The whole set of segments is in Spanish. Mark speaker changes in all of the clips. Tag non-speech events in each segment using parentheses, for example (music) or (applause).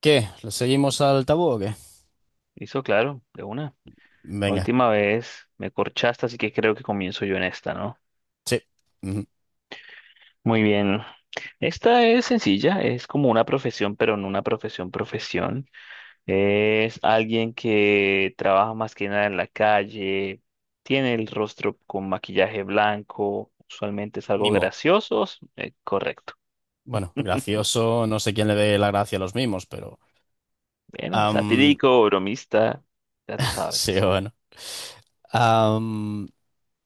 Speaker 1: ¿Qué? ¿Lo seguimos al tabú o qué?
Speaker 2: Listo, claro, de una. La
Speaker 1: Venga,
Speaker 2: última vez me corchaste, así que creo que comienzo yo en esta, ¿no?
Speaker 1: sí. Ujú.
Speaker 2: Muy bien. Esta es sencilla, es como una profesión, pero no una profesión profesión. Es alguien que trabaja más que nada en la calle, tiene el rostro con maquillaje blanco, usualmente es algo
Speaker 1: Mimo.
Speaker 2: gracioso, correcto.
Speaker 1: Bueno, gracioso, no sé quién le dé la gracia a los mimos, pero.
Speaker 2: Bueno,
Speaker 1: am,
Speaker 2: satírico, bromista, ya tú
Speaker 1: (laughs) sí,
Speaker 2: sabes.
Speaker 1: bueno. Am,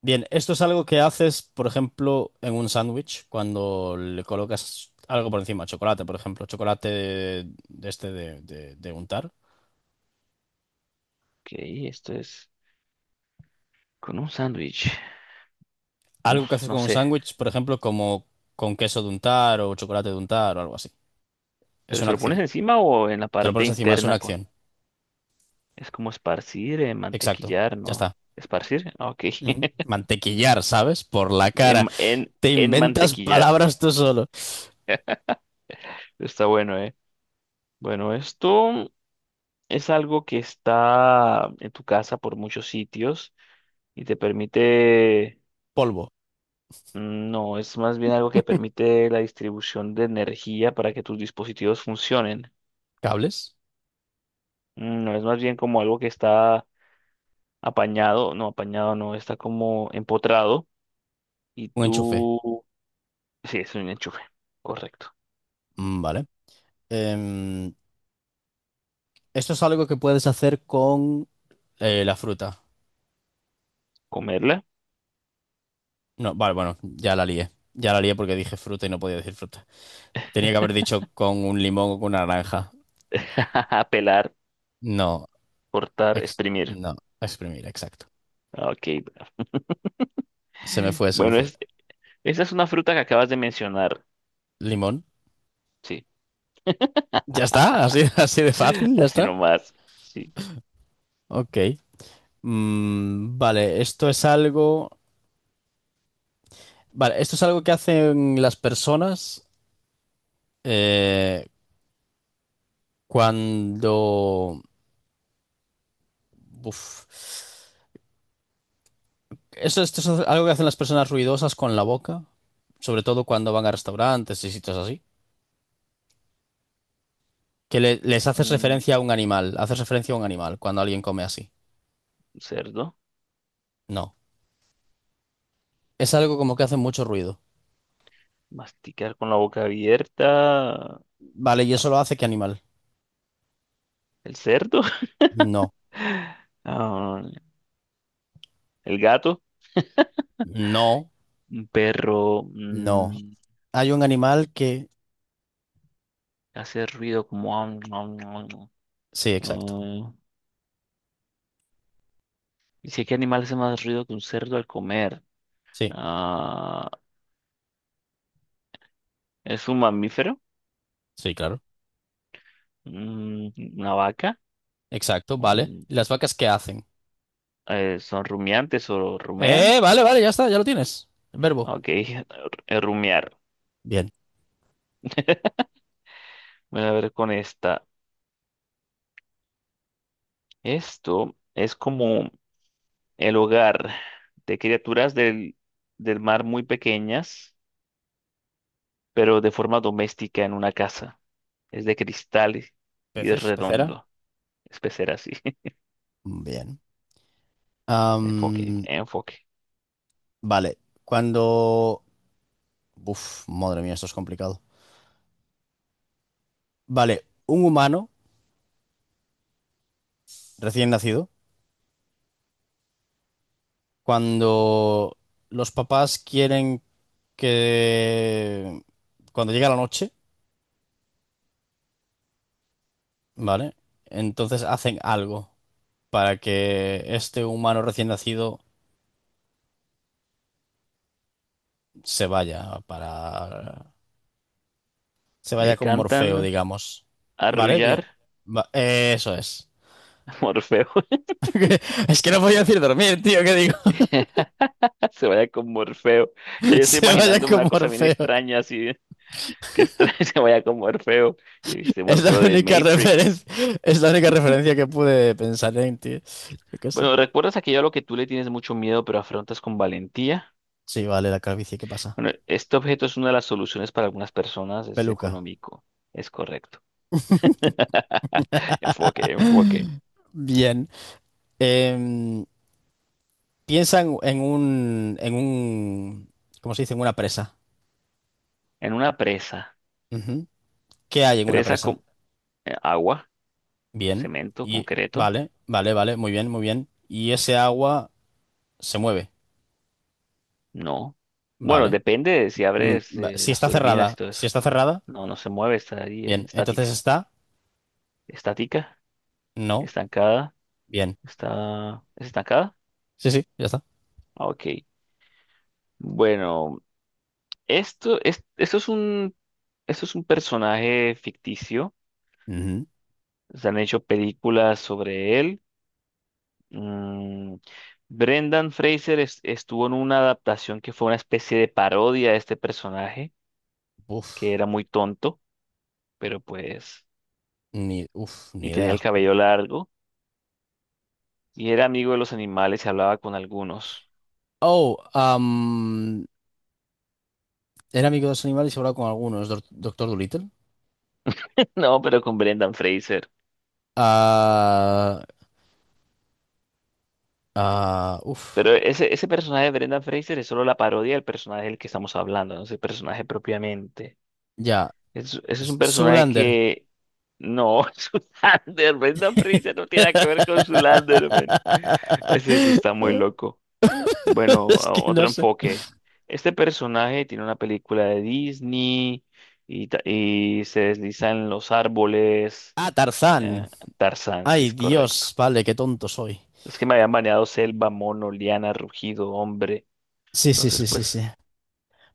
Speaker 1: Bien, esto es algo que haces, por ejemplo, en un sándwich, cuando le colocas algo por encima, chocolate, por ejemplo, chocolate de este de untar.
Speaker 2: Ok, esto es con un sándwich,
Speaker 1: Algo que haces
Speaker 2: no
Speaker 1: con un
Speaker 2: sé.
Speaker 1: sándwich, por ejemplo, como con queso de untar o chocolate de untar o algo así. Es
Speaker 2: ¿Pero se
Speaker 1: una
Speaker 2: lo pones
Speaker 1: acción.
Speaker 2: encima o en la
Speaker 1: Te lo
Speaker 2: parte
Speaker 1: pones encima, es una
Speaker 2: interna?
Speaker 1: acción.
Speaker 2: Es como esparcir,
Speaker 1: Exacto.
Speaker 2: mantequillar,
Speaker 1: Ya
Speaker 2: ¿no?
Speaker 1: está.
Speaker 2: ¿Esparcir? Ah, ok.
Speaker 1: Ujú.
Speaker 2: (laughs)
Speaker 1: Mantequillar, ¿sabes? Por la cara.
Speaker 2: En, en,
Speaker 1: Te
Speaker 2: en
Speaker 1: inventas
Speaker 2: mantequillar.
Speaker 1: palabras tú solo.
Speaker 2: Está bueno, ¿eh? Bueno, esto es algo que está en tu casa por muchos sitios y te permite...
Speaker 1: Polvo,
Speaker 2: No, es más bien algo que permite la distribución de energía para que tus dispositivos funcionen.
Speaker 1: cables,
Speaker 2: No, es más bien como algo que está apañado no, está como empotrado y
Speaker 1: un enchufe.
Speaker 2: tú sí, es un enchufe. Correcto.
Speaker 1: Mm, vale. Em, Esto es algo que puedes hacer con la fruta.
Speaker 2: Comerla.
Speaker 1: No, vale, bueno, ya la lié. Ya la lié porque dije fruta y no podía decir fruta. Tenía que haber dicho con un limón o con una naranja.
Speaker 2: (laughs) Pelar,
Speaker 1: No,
Speaker 2: cortar,
Speaker 1: ex-
Speaker 2: exprimir.
Speaker 1: no, exprimir, exacto.
Speaker 2: Ok.
Speaker 1: Se me fue, se me
Speaker 2: Bueno,
Speaker 1: fue.
Speaker 2: es, esa es una fruta que acabas de mencionar.
Speaker 1: Limón.
Speaker 2: Sí.
Speaker 1: Ya está, así, (laughs) así de
Speaker 2: (laughs)
Speaker 1: fácil, ya
Speaker 2: Así
Speaker 1: está.
Speaker 2: nomás. Sí.
Speaker 1: Ok. Vale, esto es algo. Vale, esto es algo que hacen las personas eh, cuando. Uf. Esto es algo que hacen las personas ruidosas con la boca, sobre todo cuando van a restaurantes y sitios así. Que les haces
Speaker 2: Mm,
Speaker 1: referencia a un animal, haces referencia a un animal cuando alguien come así.
Speaker 2: un cerdo.
Speaker 1: No. Es algo como que hace mucho ruido.
Speaker 2: Masticar con la boca abierta.
Speaker 1: Vale, ¿y eso lo hace qué animal?
Speaker 2: El cerdo. (laughs)
Speaker 1: No.
Speaker 2: Ah, el gato.
Speaker 1: No,
Speaker 2: Un perro.
Speaker 1: no. Hay un animal que.
Speaker 2: Hace ruido como... am, am, am, am.
Speaker 1: Sí, exacto.
Speaker 2: Ah, ¿y si qué animal hace más ruido que un cerdo al comer?
Speaker 1: Sí,
Speaker 2: Ah, ¿es un mamífero?
Speaker 1: sí, claro.
Speaker 2: Mm, ¿una vaca?
Speaker 1: Exacto, vale.
Speaker 2: Un-
Speaker 1: ¿Y las vacas qué hacen?
Speaker 2: ¿Son rumiantes o rumean?
Speaker 1: Vale, vale, ya está, ya lo tienes. El verbo.
Speaker 2: Ok, (laughs) rumiar.
Speaker 1: Bien.
Speaker 2: Voy a ver con esta. Esto es como el hogar de criaturas del mar muy pequeñas, pero de forma doméstica en una casa. Es de cristal y es
Speaker 1: Peces, pecera.
Speaker 2: redondo. Es pecera así. (laughs)
Speaker 1: Bien.
Speaker 2: Enfoque,
Speaker 1: Am,
Speaker 2: enfoque.
Speaker 1: vale, cuando. Uf, madre mía, esto es complicado. Vale, un humano recién nacido, cuando los papás quieren que. Cuando llega la noche, ¿vale? Entonces hacen algo para que este humano recién nacido se vaya para se
Speaker 2: Le
Speaker 1: vaya con
Speaker 2: cantan
Speaker 1: Morfeo, digamos. Vale, bien.
Speaker 2: arrullar.
Speaker 1: Eso es.
Speaker 2: (laughs) Morfeo.
Speaker 1: Es que no voy a decir dormir, tío, ¿qué digo?
Speaker 2: (laughs) Se vaya con Morfeo. Ya
Speaker 1: (laughs)
Speaker 2: yo estoy
Speaker 1: Se vaya
Speaker 2: imaginándome
Speaker 1: con
Speaker 2: una cosa bien
Speaker 1: Morfeo.
Speaker 2: extraña, así, que extraña (laughs) se vaya con Morfeo. Y este
Speaker 1: Es la
Speaker 2: Morfeo de
Speaker 1: única referencia,
Speaker 2: Matrix.
Speaker 1: es la única referencia que pude pensar en, tío. Yo qué sé.
Speaker 2: Bueno, ¿recuerdas aquello a lo que tú le tienes mucho miedo, pero afrontas con valentía?
Speaker 1: Sí, vale, la calvicie, ¿qué pasa?
Speaker 2: Bueno, este objeto es una de las soluciones para algunas personas, es
Speaker 1: Peluca.
Speaker 2: económico, es correcto. (laughs) Enfoque, enfoque.
Speaker 1: (laughs) Bien. Em, Piensa en un, ¿cómo se dice? En una presa.
Speaker 2: En una presa,
Speaker 1: Ujú. ¿Qué hay en una
Speaker 2: presa
Speaker 1: presa?
Speaker 2: con agua,
Speaker 1: Bien.
Speaker 2: cemento,
Speaker 1: Y
Speaker 2: concreto,
Speaker 1: vale, vale, vale, muy bien, muy bien. Y ese agua se mueve.
Speaker 2: no. Bueno,
Speaker 1: Vale.
Speaker 2: depende de si abres
Speaker 1: Si
Speaker 2: las
Speaker 1: está
Speaker 2: turbinas y
Speaker 1: cerrada,
Speaker 2: todo eso.
Speaker 1: si está cerrada,
Speaker 2: No, no se mueve, está ahí, es
Speaker 1: bien. Entonces
Speaker 2: estática.
Speaker 1: está,
Speaker 2: Estática,
Speaker 1: no,
Speaker 2: estancada,
Speaker 1: bien.
Speaker 2: está, ¿es estancada?
Speaker 1: Sí, sí, ya está.
Speaker 2: Ah, ok. Bueno, esto, es, esto es un, esto es un personaje ficticio.
Speaker 1: Ujú.
Speaker 2: Se han hecho películas sobre él. Mm, Brendan Fraser estuvo en una adaptación que fue una especie de parodia de este personaje, que
Speaker 1: Uf,
Speaker 2: era muy tonto, pero pues,
Speaker 1: ni
Speaker 2: y tenía el
Speaker 1: idea.
Speaker 2: cabello largo, y era amigo de los animales y hablaba con algunos.
Speaker 1: Oh, era amigo de los animales y hablaba con algunos, Doctor Dolittle.
Speaker 2: (laughs) No, pero con Brendan Fraser.
Speaker 1: Ah, ah,
Speaker 2: Pero ese personaje de Brendan Fraser es solo la parodia del personaje del que estamos hablando, no es el personaje propiamente.
Speaker 1: ya.
Speaker 2: Ese es un personaje
Speaker 1: Zoolander.
Speaker 2: que... No, (laughs) es Zoolander. Brendan Fraser no tiene nada que ver con Zoolander, man. Ese sí está muy
Speaker 1: (laughs)
Speaker 2: loco. Bueno,
Speaker 1: Es que no
Speaker 2: otro
Speaker 1: sé.
Speaker 2: enfoque. Este personaje tiene una película de Disney y, y se desliza en los árboles.
Speaker 1: Ah, Tarzán.
Speaker 2: Eh, Tarzán, sí
Speaker 1: Ay,
Speaker 2: es correcto.
Speaker 1: Dios, vale, qué tonto soy.
Speaker 2: Es que me habían baneado selva, mono, liana, rugido, hombre.
Speaker 1: Sí, sí,
Speaker 2: Entonces,
Speaker 1: sí, sí, sí.
Speaker 2: pues...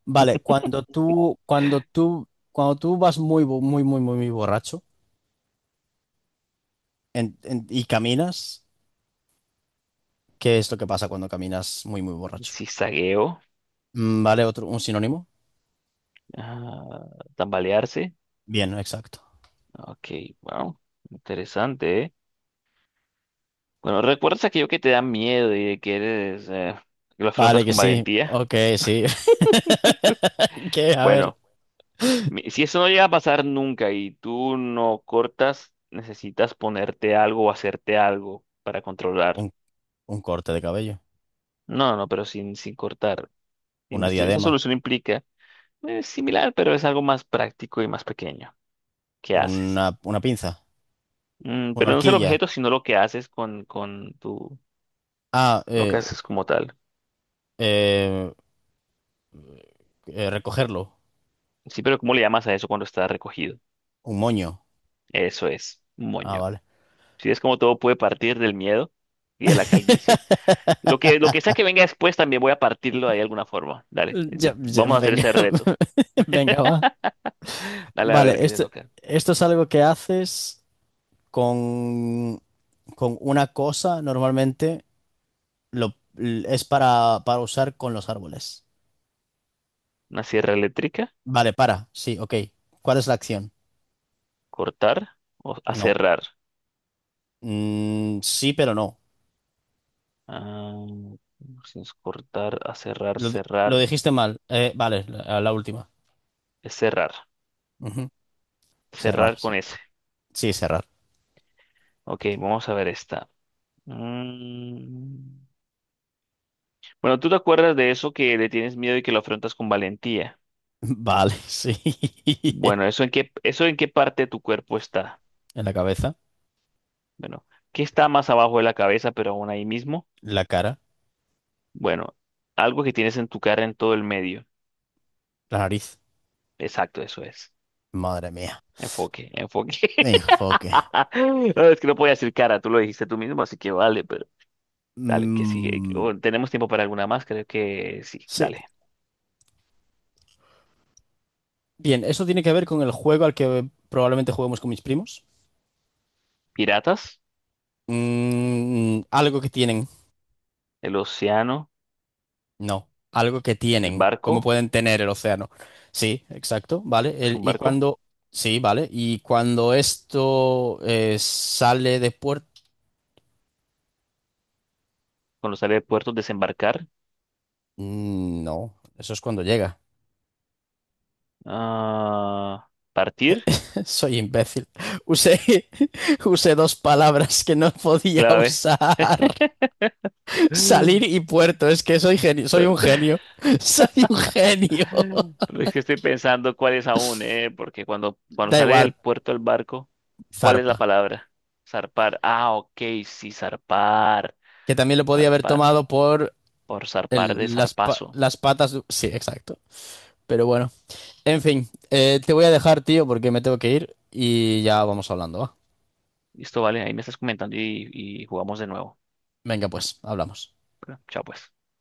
Speaker 1: Vale, cuando tú vas muy, muy, muy, muy, muy borracho y caminas, ¿qué es lo que pasa cuando caminas muy, muy borracho?
Speaker 2: Zigzagueo,
Speaker 1: Vale, otro, un sinónimo.
Speaker 2: ah, tambalearse.
Speaker 1: Bien, exacto.
Speaker 2: Ok, wow, interesante, ¿eh? Bueno, ¿recuerdas aquello que te da miedo y de que eres, que lo
Speaker 1: Vale,
Speaker 2: afrontas
Speaker 1: que
Speaker 2: con
Speaker 1: sí.
Speaker 2: valentía?
Speaker 1: Ok, sí. (laughs) ¿Qué? A ver.
Speaker 2: Bueno, si eso no llega a pasar nunca y tú no cortas, necesitas ponerte algo o hacerte algo para controlar.
Speaker 1: Un, un corte de cabello.
Speaker 2: No, no, pero sin cortar.
Speaker 1: Una
Speaker 2: Esa
Speaker 1: diadema.
Speaker 2: solución implica, similar, pero es algo más práctico y más pequeño. ¿Qué haces?
Speaker 1: Una pinza.
Speaker 2: Mm,
Speaker 1: Una
Speaker 2: pero no es el
Speaker 1: horquilla.
Speaker 2: objeto, sino lo que haces con tu
Speaker 1: Ah,
Speaker 2: lo que haces como tal.
Speaker 1: eh, recogerlo.
Speaker 2: Sí, pero ¿cómo le llamas a eso cuando está recogido?
Speaker 1: Un moño.
Speaker 2: Eso es,
Speaker 1: Ah,
Speaker 2: moño.
Speaker 1: vale.
Speaker 2: Si es como todo puede partir del miedo y de la calvicie. Lo
Speaker 1: (laughs)
Speaker 2: que sea que venga después también voy a partirlo de alguna forma. Dale,
Speaker 1: Ya,
Speaker 2: vamos a hacer
Speaker 1: venga.
Speaker 2: ese reto.
Speaker 1: (laughs) Venga, va.
Speaker 2: (laughs) Dale a ver
Speaker 1: Vale,
Speaker 2: qué te
Speaker 1: esto,
Speaker 2: toca.
Speaker 1: esto es algo que haces con, con una cosa, normalmente lo, es para usar con los árboles.
Speaker 2: Una sierra eléctrica,
Speaker 1: Vale, para, sí, ok. ¿Cuál es la acción?
Speaker 2: cortar o
Speaker 1: No.
Speaker 2: aserrar.
Speaker 1: Mm, sí, pero no.
Speaker 2: Ah, si es cortar, aserrar,
Speaker 1: Lo, di- lo
Speaker 2: cerrar.
Speaker 1: dijiste mal. Vale, la última.
Speaker 2: Es cerrar.
Speaker 1: Ujú. Cerrar,
Speaker 2: Cerrar
Speaker 1: sí.
Speaker 2: con ese.
Speaker 1: Sí, cerrar.
Speaker 2: Ok, vamos a ver esta. Mm. Bueno, ¿tú te acuerdas de eso que le tienes miedo y que lo afrontas con valentía?
Speaker 1: (laughs) Vale, sí.
Speaker 2: Bueno,
Speaker 1: (laughs)
Speaker 2: ¿eso en qué parte de tu cuerpo está?
Speaker 1: En la cabeza,
Speaker 2: Bueno, ¿qué está más abajo de la cabeza, pero aún ahí mismo?
Speaker 1: la cara,
Speaker 2: Bueno, algo que tienes en tu cara en todo el medio.
Speaker 1: la nariz.
Speaker 2: Exacto, eso es.
Speaker 1: Madre mía.
Speaker 2: Enfoque, enfoque. (laughs)
Speaker 1: Enfoque.
Speaker 2: No, es que no podía decir cara, tú lo dijiste tú mismo, así que vale, pero dale, que sí.
Speaker 1: Mm,
Speaker 2: O, ¿tenemos tiempo para alguna más? Creo que sí,
Speaker 1: sí.
Speaker 2: dale.
Speaker 1: Bien, eso tiene que ver con el juego al que probablemente juguemos con mis primos.
Speaker 2: ¿Piratas?
Speaker 1: Algo que tienen.
Speaker 2: ¿El océano?
Speaker 1: No, algo que
Speaker 2: ¿El
Speaker 1: tienen. ¿Cómo
Speaker 2: barco?
Speaker 1: pueden tener el océano? Sí, exacto, ¿vale?
Speaker 2: ¿Es un
Speaker 1: Y
Speaker 2: barco?
Speaker 1: cuando. Sí, ¿vale? Y cuando esto sale de puerto.
Speaker 2: Cuando sale de puerto, desembarcar.
Speaker 1: Mm, no, eso es cuando llega.
Speaker 2: Ah, partir,
Speaker 1: (laughs) Soy imbécil. Usé, (laughs) usé dos palabras que no podía
Speaker 2: clave.
Speaker 1: usar. (laughs) Salir
Speaker 2: (gasps)
Speaker 1: y
Speaker 2: (laughs)
Speaker 1: puerto. Es que soy genio, soy un
Speaker 2: Puerto.
Speaker 1: genio. (laughs) Soy un genio. (laughs)
Speaker 2: Pero es que estoy pensando cuál es aún, ¿eh? Porque cuando
Speaker 1: Da
Speaker 2: sale del
Speaker 1: igual,
Speaker 2: puerto el barco, ¿cuál es la
Speaker 1: Zarpa,
Speaker 2: palabra? Zarpar. Ah, ok, sí, zarpar.
Speaker 1: que también lo podía haber
Speaker 2: Zarpar.
Speaker 1: tomado por
Speaker 2: Por zarpar de
Speaker 1: el- las, pa-
Speaker 2: zarpazo.
Speaker 1: las patas. Sí, exacto. Pero bueno, en fin, te voy a dejar, tío, porque me tengo que ir y ya vamos hablando, ¿va?
Speaker 2: Listo, vale, ahí me estás comentando y jugamos de nuevo.
Speaker 1: Venga, pues, hablamos.
Speaker 2: Bueno, chao, pues.